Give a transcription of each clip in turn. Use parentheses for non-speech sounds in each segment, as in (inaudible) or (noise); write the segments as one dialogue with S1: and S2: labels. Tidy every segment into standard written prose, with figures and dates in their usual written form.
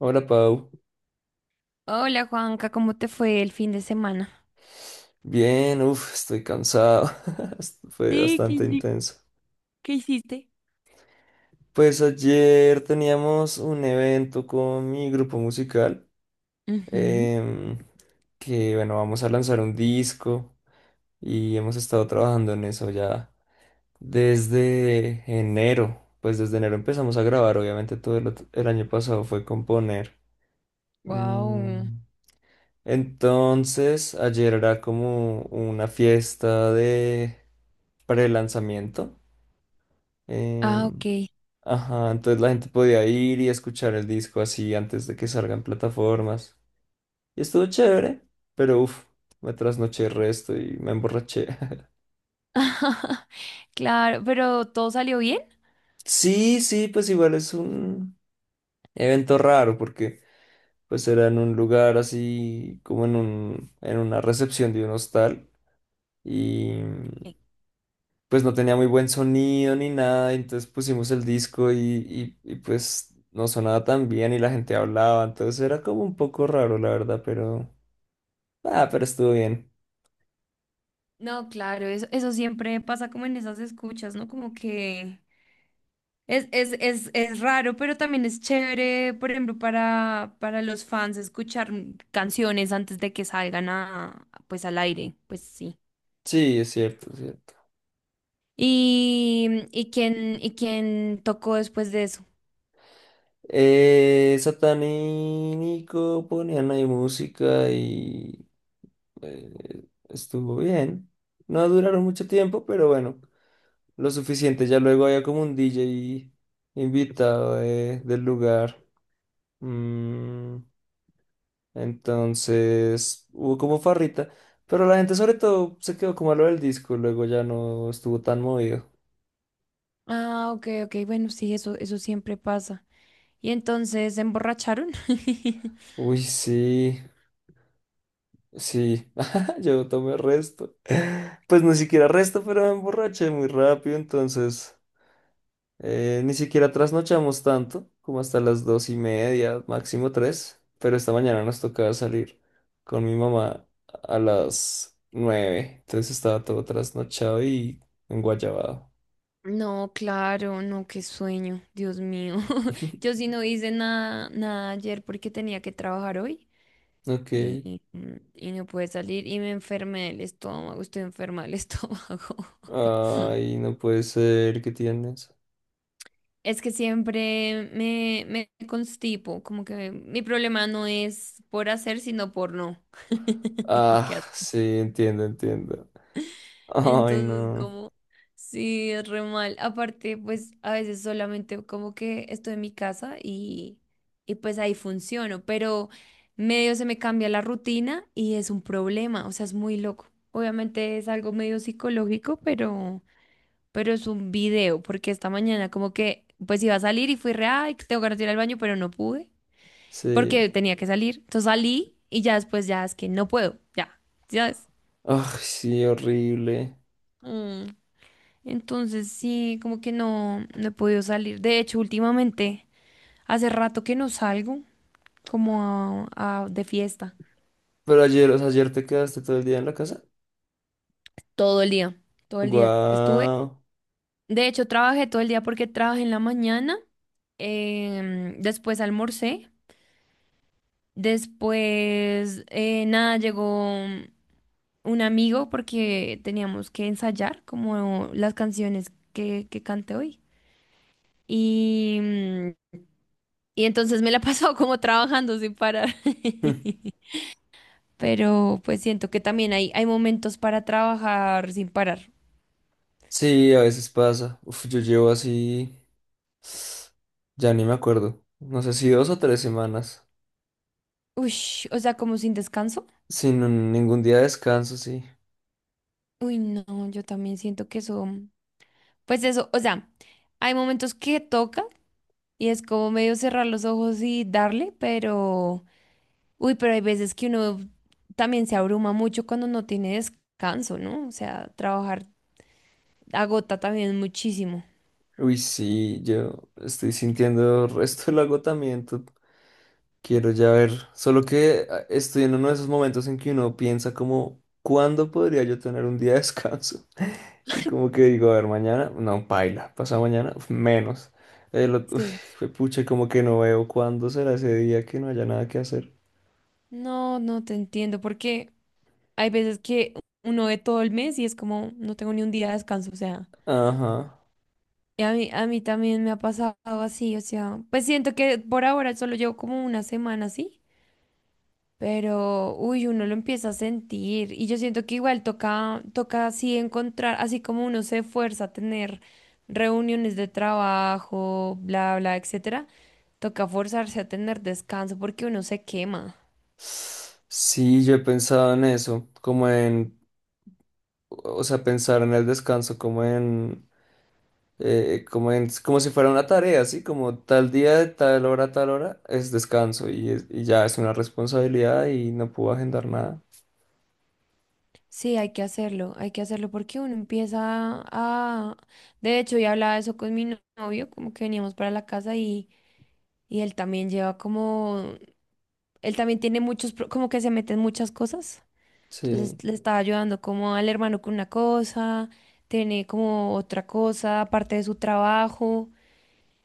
S1: Hola Pau,
S2: Hola Juanca, ¿cómo te fue el fin de semana?
S1: bien, uff, estoy cansado. (laughs) Fue
S2: Sí, ¿qué,
S1: bastante
S2: hici-
S1: intenso.
S2: Qué hiciste?
S1: Pues ayer teníamos un evento con mi grupo musical, em, que bueno, vamos a lanzar un disco y hemos estado trabajando en eso ya desde enero, pues desde enero empezamos a grabar, obviamente el año pasado fue componer.
S2: Wow.
S1: Mm, Entonces, ayer era como una fiesta de pre-lanzamiento.
S2: Ah,
S1: em,
S2: ok.
S1: ajá, entonces la gente podía ir y escuchar el disco así antes de que salgan plataformas. Y estuvo chévere, pero uff, me trasnoché el resto y me emborraché.
S2: (laughs) Claro, pero ¿todo salió bien?
S1: Sí, sí, pues igual es un evento raro porque pues era en un lugar así como en en una recepción de un hostal y
S2: Sí.
S1: pues no tenía muy buen sonido ni nada, entonces pusimos el disco y, pues no sonaba tan bien y la gente hablaba, entonces era como un poco raro la verdad, pero ah, pero estuvo bien.
S2: No, claro, eso siempre pasa como en esas escuchas, ¿no? Como que es raro, pero también es chévere, por ejemplo, para los fans escuchar canciones antes de que salgan a, pues al aire, pues sí.
S1: Sí, es cierto, es cierto.
S2: ¿Y quién tocó después de eso?
S1: Satán y Nico ponían ahí música y estuvo bien. No duraron mucho tiempo, pero bueno, lo suficiente. Ya luego había como un DJ invitado del lugar. Mm, entonces hubo como farrita, pero la gente sobre todo se quedó como a lo del disco, luego ya no estuvo tan movido.
S2: Ah, ok, ok, bueno, sí, eso siempre pasa. Y entonces se emborracharon. (laughs)
S1: Uy, sí, sí, (laughs) yo tomé resto. Pues ni siquiera resto, pero me emborraché muy rápido, entonces... Ni siquiera trasnochamos tanto, como hasta las dos y media, máximo tres, pero esta mañana nos tocaba salir con mi mamá a las nueve, entonces estaba todo trasnochado y enguayabado.
S2: No, claro, no, qué sueño, Dios mío. (laughs) Yo
S1: (laughs)
S2: sí no hice nada ayer porque tenía que trabajar hoy
S1: Ok.
S2: y y no pude salir y me enfermé del estómago, estoy enferma del (laughs) estómago.
S1: Ay, no puede ser, ¿qué tienes?
S2: Es que siempre me constipo, como que mi problema no es por hacer, sino por no. (laughs)
S1: Ah,
S2: Qué.
S1: sí, entiendo, entiendo. Ay,
S2: Entonces,
S1: no.
S2: como, sí, es re mal. Aparte, pues a veces solamente como que estoy en mi casa y pues ahí funciono, pero medio se me cambia la rutina y es un problema, o sea, es muy loco. Obviamente es algo medio psicológico, pero es un video, porque esta mañana como que, pues iba a salir y fui re, ay, que tengo ganas de ir al baño, pero no pude,
S1: Sí.
S2: porque tenía que salir. Entonces salí y ya después ya es que no puedo, ya, ya es.
S1: Ay, sí, horrible.
S2: Entonces sí, como que no he podido salir. De hecho, últimamente, hace rato que no salgo como de fiesta.
S1: Pero ayer, o sea, ayer te quedaste todo el día en la casa.
S2: Todo el día. Todo el día estuve.
S1: Guau.
S2: De hecho, trabajé todo el día porque trabajé en la mañana, después almorcé, después, nada, llegó un amigo porque teníamos que ensayar como las canciones que canté hoy. Y mm, Y entonces me la (laughs) he pasado como trabajando sin parar.
S1: (laughs)
S2: (laughs) Pero pues siento que también hay momentos para trabajar sin parar.
S1: Sí, a veces pasa. Uf, yo llevo así, ya ni me acuerdo. No sé si dos o tres semanas.
S2: Uy, o sea, como sin descanso.
S1: Sin ningún día de descanso, sí.
S2: Uy, no, yo también siento que eso, pues eso, o sea, hay momentos que toca y es como medio cerrar los ojos y darle, pero, uy, pero hay veces que uno también se abruma mucho cuando no tiene descanso, ¿no? O sea, trabajar agota también muchísimo.
S1: Uy, sí, yo estoy sintiendo el resto del agotamiento. Quiero ya ver. Solo que ah, estoy en uno de esos momentos en que uno piensa como, ¿cuándo podría yo tener un día de descanso? (laughs) Y como que digo, a ver, mañana, no, paila, pasado mañana, uf, menos.
S2: Sí.
S1: Uf, pucha, como que no veo cuándo será ese día que no haya nada que hacer.
S2: No, no te entiendo, porque hay veces que uno ve todo el mes y es como, no tengo ni un día de descanso, o sea,
S1: Ajá.
S2: y a mí también me ha pasado así, o sea, pues siento que por ahora solo llevo como una semana así, pero, uy, uno lo empieza a sentir y yo siento que igual toca, toca así encontrar, así como uno se esfuerza a tener reuniones de trabajo, bla, bla, etcétera, toca forzarse a tener descanso porque uno se quema.
S1: Sí, yo he pensado en eso, o sea, pensar en el descanso, como si fuera una tarea, ¿sí? Como tal día, de tal hora, es descanso y, y ya es una responsabilidad y no puedo agendar nada.
S2: Sí, hay que hacerlo porque uno empieza a... De hecho, yo hablaba de eso con mi no- novio, como que veníamos para la casa y él también lleva como... Él también tiene muchos, pro- como que se meten muchas cosas. Entonces
S1: Sí,
S2: le estaba ayudando como al hermano con una cosa, tiene como otra cosa, aparte de su trabajo.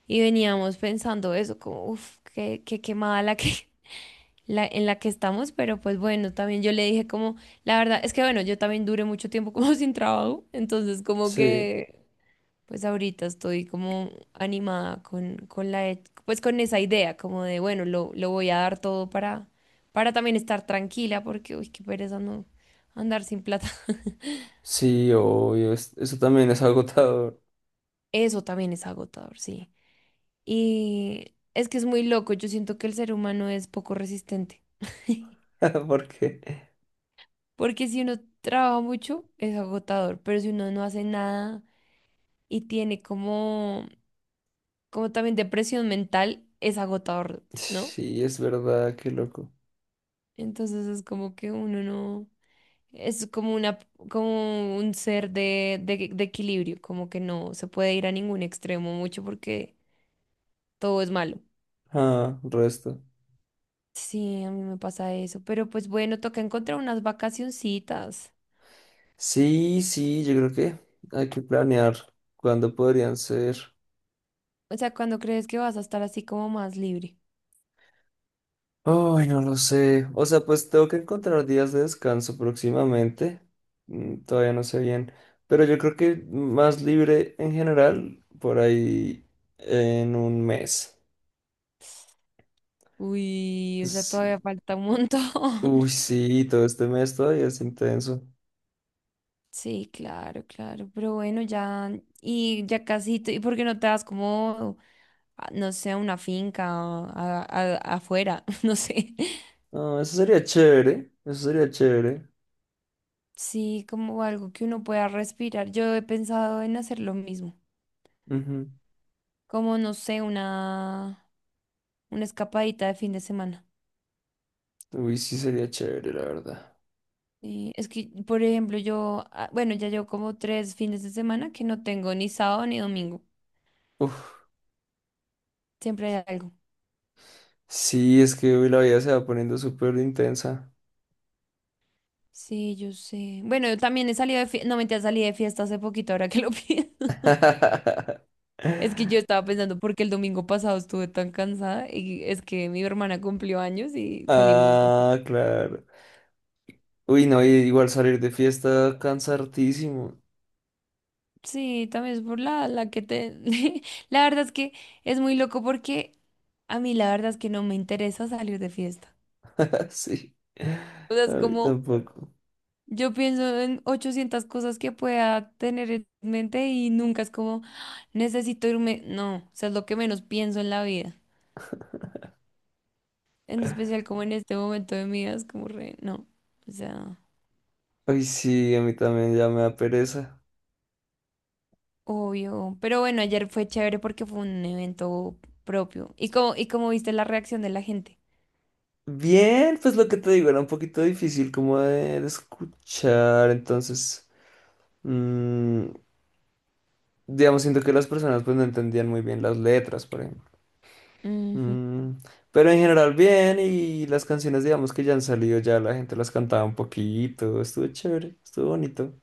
S2: Y veníamos pensando eso, como, uff, qué quemada la que... (laughs) la, en la que estamos, pero pues bueno, también yo le dije como, la verdad, es que bueno, yo también duré mucho tiempo como (laughs) sin trabajo, entonces como
S1: sí,
S2: que, pues ahorita estoy como animada con la, e- pues con esa idea, como de, bueno, lo voy a dar todo para también estar tranquila, porque, uy, qué pereza no andar sin plata. (laughs)
S1: sí, obvio, eso también es agotador,
S2: Eso también es agotador, sí. Y es que es muy loco, yo siento que el ser humano es poco resistente. (laughs)
S1: (laughs) porque
S2: Porque si uno trabaja mucho, es agotador, pero si uno no hace nada y tiene como, como también depresión mental, es agotador, ¿no?
S1: sí, es verdad, qué loco.
S2: Entonces es como que uno no, es como una, como un ser de equilibrio, como que no se puede ir a ningún extremo mucho porque todo es malo.
S1: Ah, resto.
S2: Sí, a mí me pasa eso, pero pues bueno, toca encontrar unas vacacioncitas.
S1: Sí, sí, yo creo que hay que planear cuándo podrían ser.
S2: O sea, ¿cuando crees que vas a estar así como más libre?
S1: Ay, no lo sé. O sea, pues tengo que encontrar días de descanso próximamente. Todavía no sé bien. Pero yo creo que más libre en general, por ahí en un mes.
S2: Uy, o sea,
S1: Sí.
S2: todavía falta un (laughs) montón.
S1: Uy, sí, todo este mes todavía es intenso.
S2: Sí, claro, claro, pero bueno, ya, y ya casi, tú- ¿y por qué no te das como, a- no sé, a una finca o a- afuera? (laughs) No sé.
S1: No, eso sería chévere. Eso sería chévere.
S2: Sí, como algo que uno pueda respirar. Yo he pensado en hacer lo mismo,
S1: Ujú.
S2: como, no sé, una escapadita de fin de semana.
S1: Uy, sí, sería chévere, la verdad.
S2: Sí, es que, por ejemplo, yo, ah, bueno, ya llevo como tres fines de semana que no tengo ni sábado ni domingo,
S1: Uf.
S2: siempre hay algo.
S1: Sí, es que hoy la vida se va poniendo súper intensa.
S2: Sí, yo sé. Bueno, yo también he salido de fiesta. No, mentira, salí de fiesta hace poquito, ahora que lo (laughs) pienso.
S1: (laughs)
S2: Es que yo estaba pensando porque el domingo pasado estuve tan cansada y es que mi hermana cumplió años y salimos de
S1: Ah,
S2: fiesta.
S1: claro. Uy, no, y igual salir de fiesta cansa hartísimo.
S2: Sí, también es por la que te... (laughs) La verdad es que es muy loco porque a mí la verdad es que no me interesa salir de fiesta.
S1: (laughs) Sí,
S2: O sea,
S1: a
S2: es
S1: mí
S2: como
S1: tampoco.
S2: yo pienso en 800 cosas que pueda tener en mente y nunca es como "Ah, necesito irme". No, o sea, es lo que menos pienso en la vida. En especial como en este momento de mi vida, es como re, no, o sea,
S1: Uy, sí, a mí también ya me da pereza.
S2: obvio. Pero bueno, ayer fue chévere porque fue un evento propio. Y como viste la reacción de la gente?
S1: Bien, pues lo que te digo era un poquito difícil como de escuchar, entonces, mm, digamos, siento que las personas pues no entendían muy bien las letras, por ejemplo.
S2: Ujú.
S1: Mm, pero en general bien y las canciones, digamos, que ya han salido, ya la gente las cantaba un poquito, estuvo chévere, estuvo bonito.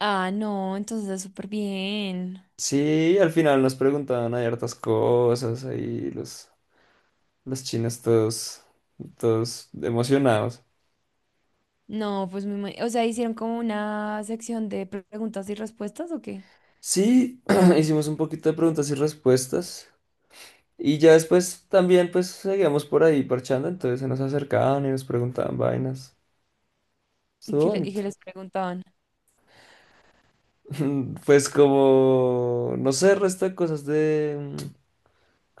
S2: Ah, no, entonces súper bien.
S1: Sí, al final nos preguntaban hay hartas cosas, ahí los chinos todos, todos emocionados.
S2: No, pues me ima- o sea, ¿hicieron como una sección de preguntas y respuestas o qué?
S1: Sí, (clears throat) hicimos un poquito de preguntas y respuestas y ya después también pues seguíamos por ahí parchando, entonces se nos acercaban y nos preguntaban vainas.
S2: ¿Y
S1: Estuvo
S2: qué, le- y
S1: bonito.
S2: qué les preguntaban?
S1: (laughs) Pues como, no sé, resto de cosas de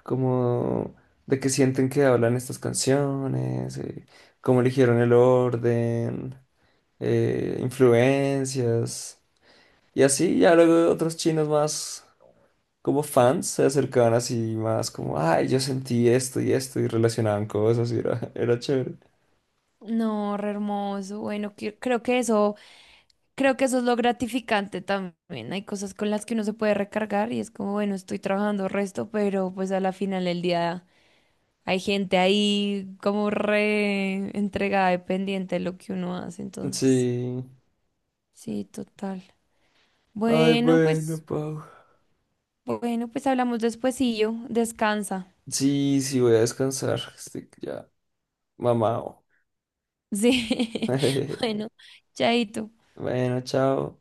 S1: como de que sienten que hablan estas canciones, cómo eligieron el orden. Influencias. Y así ya luego otros chinos más como fans se acercaban así más como, ay, yo sentí esto y esto y relacionaban cosas y era, (laughs) era chévere.
S2: No, re hermoso. Bueno, que- creo que eso. Creo que eso es lo gratificante también. Hay cosas con las que uno se puede recargar y es como, bueno, estoy trabajando resto, pero pues a la final del día hay gente ahí como re entregada, dependiente de lo que uno hace. Entonces,
S1: Sí.
S2: sí, total.
S1: Ay,
S2: Bueno,
S1: bueno,
S2: pues,
S1: Pau.
S2: bueno, pues hablamos despuesillo. Descansa.
S1: Sí, sí, voy a descansar. Estoy ya mamado.
S2: Sí. (laughs)
S1: (laughs)
S2: Bueno, chaito.
S1: Bueno, chao.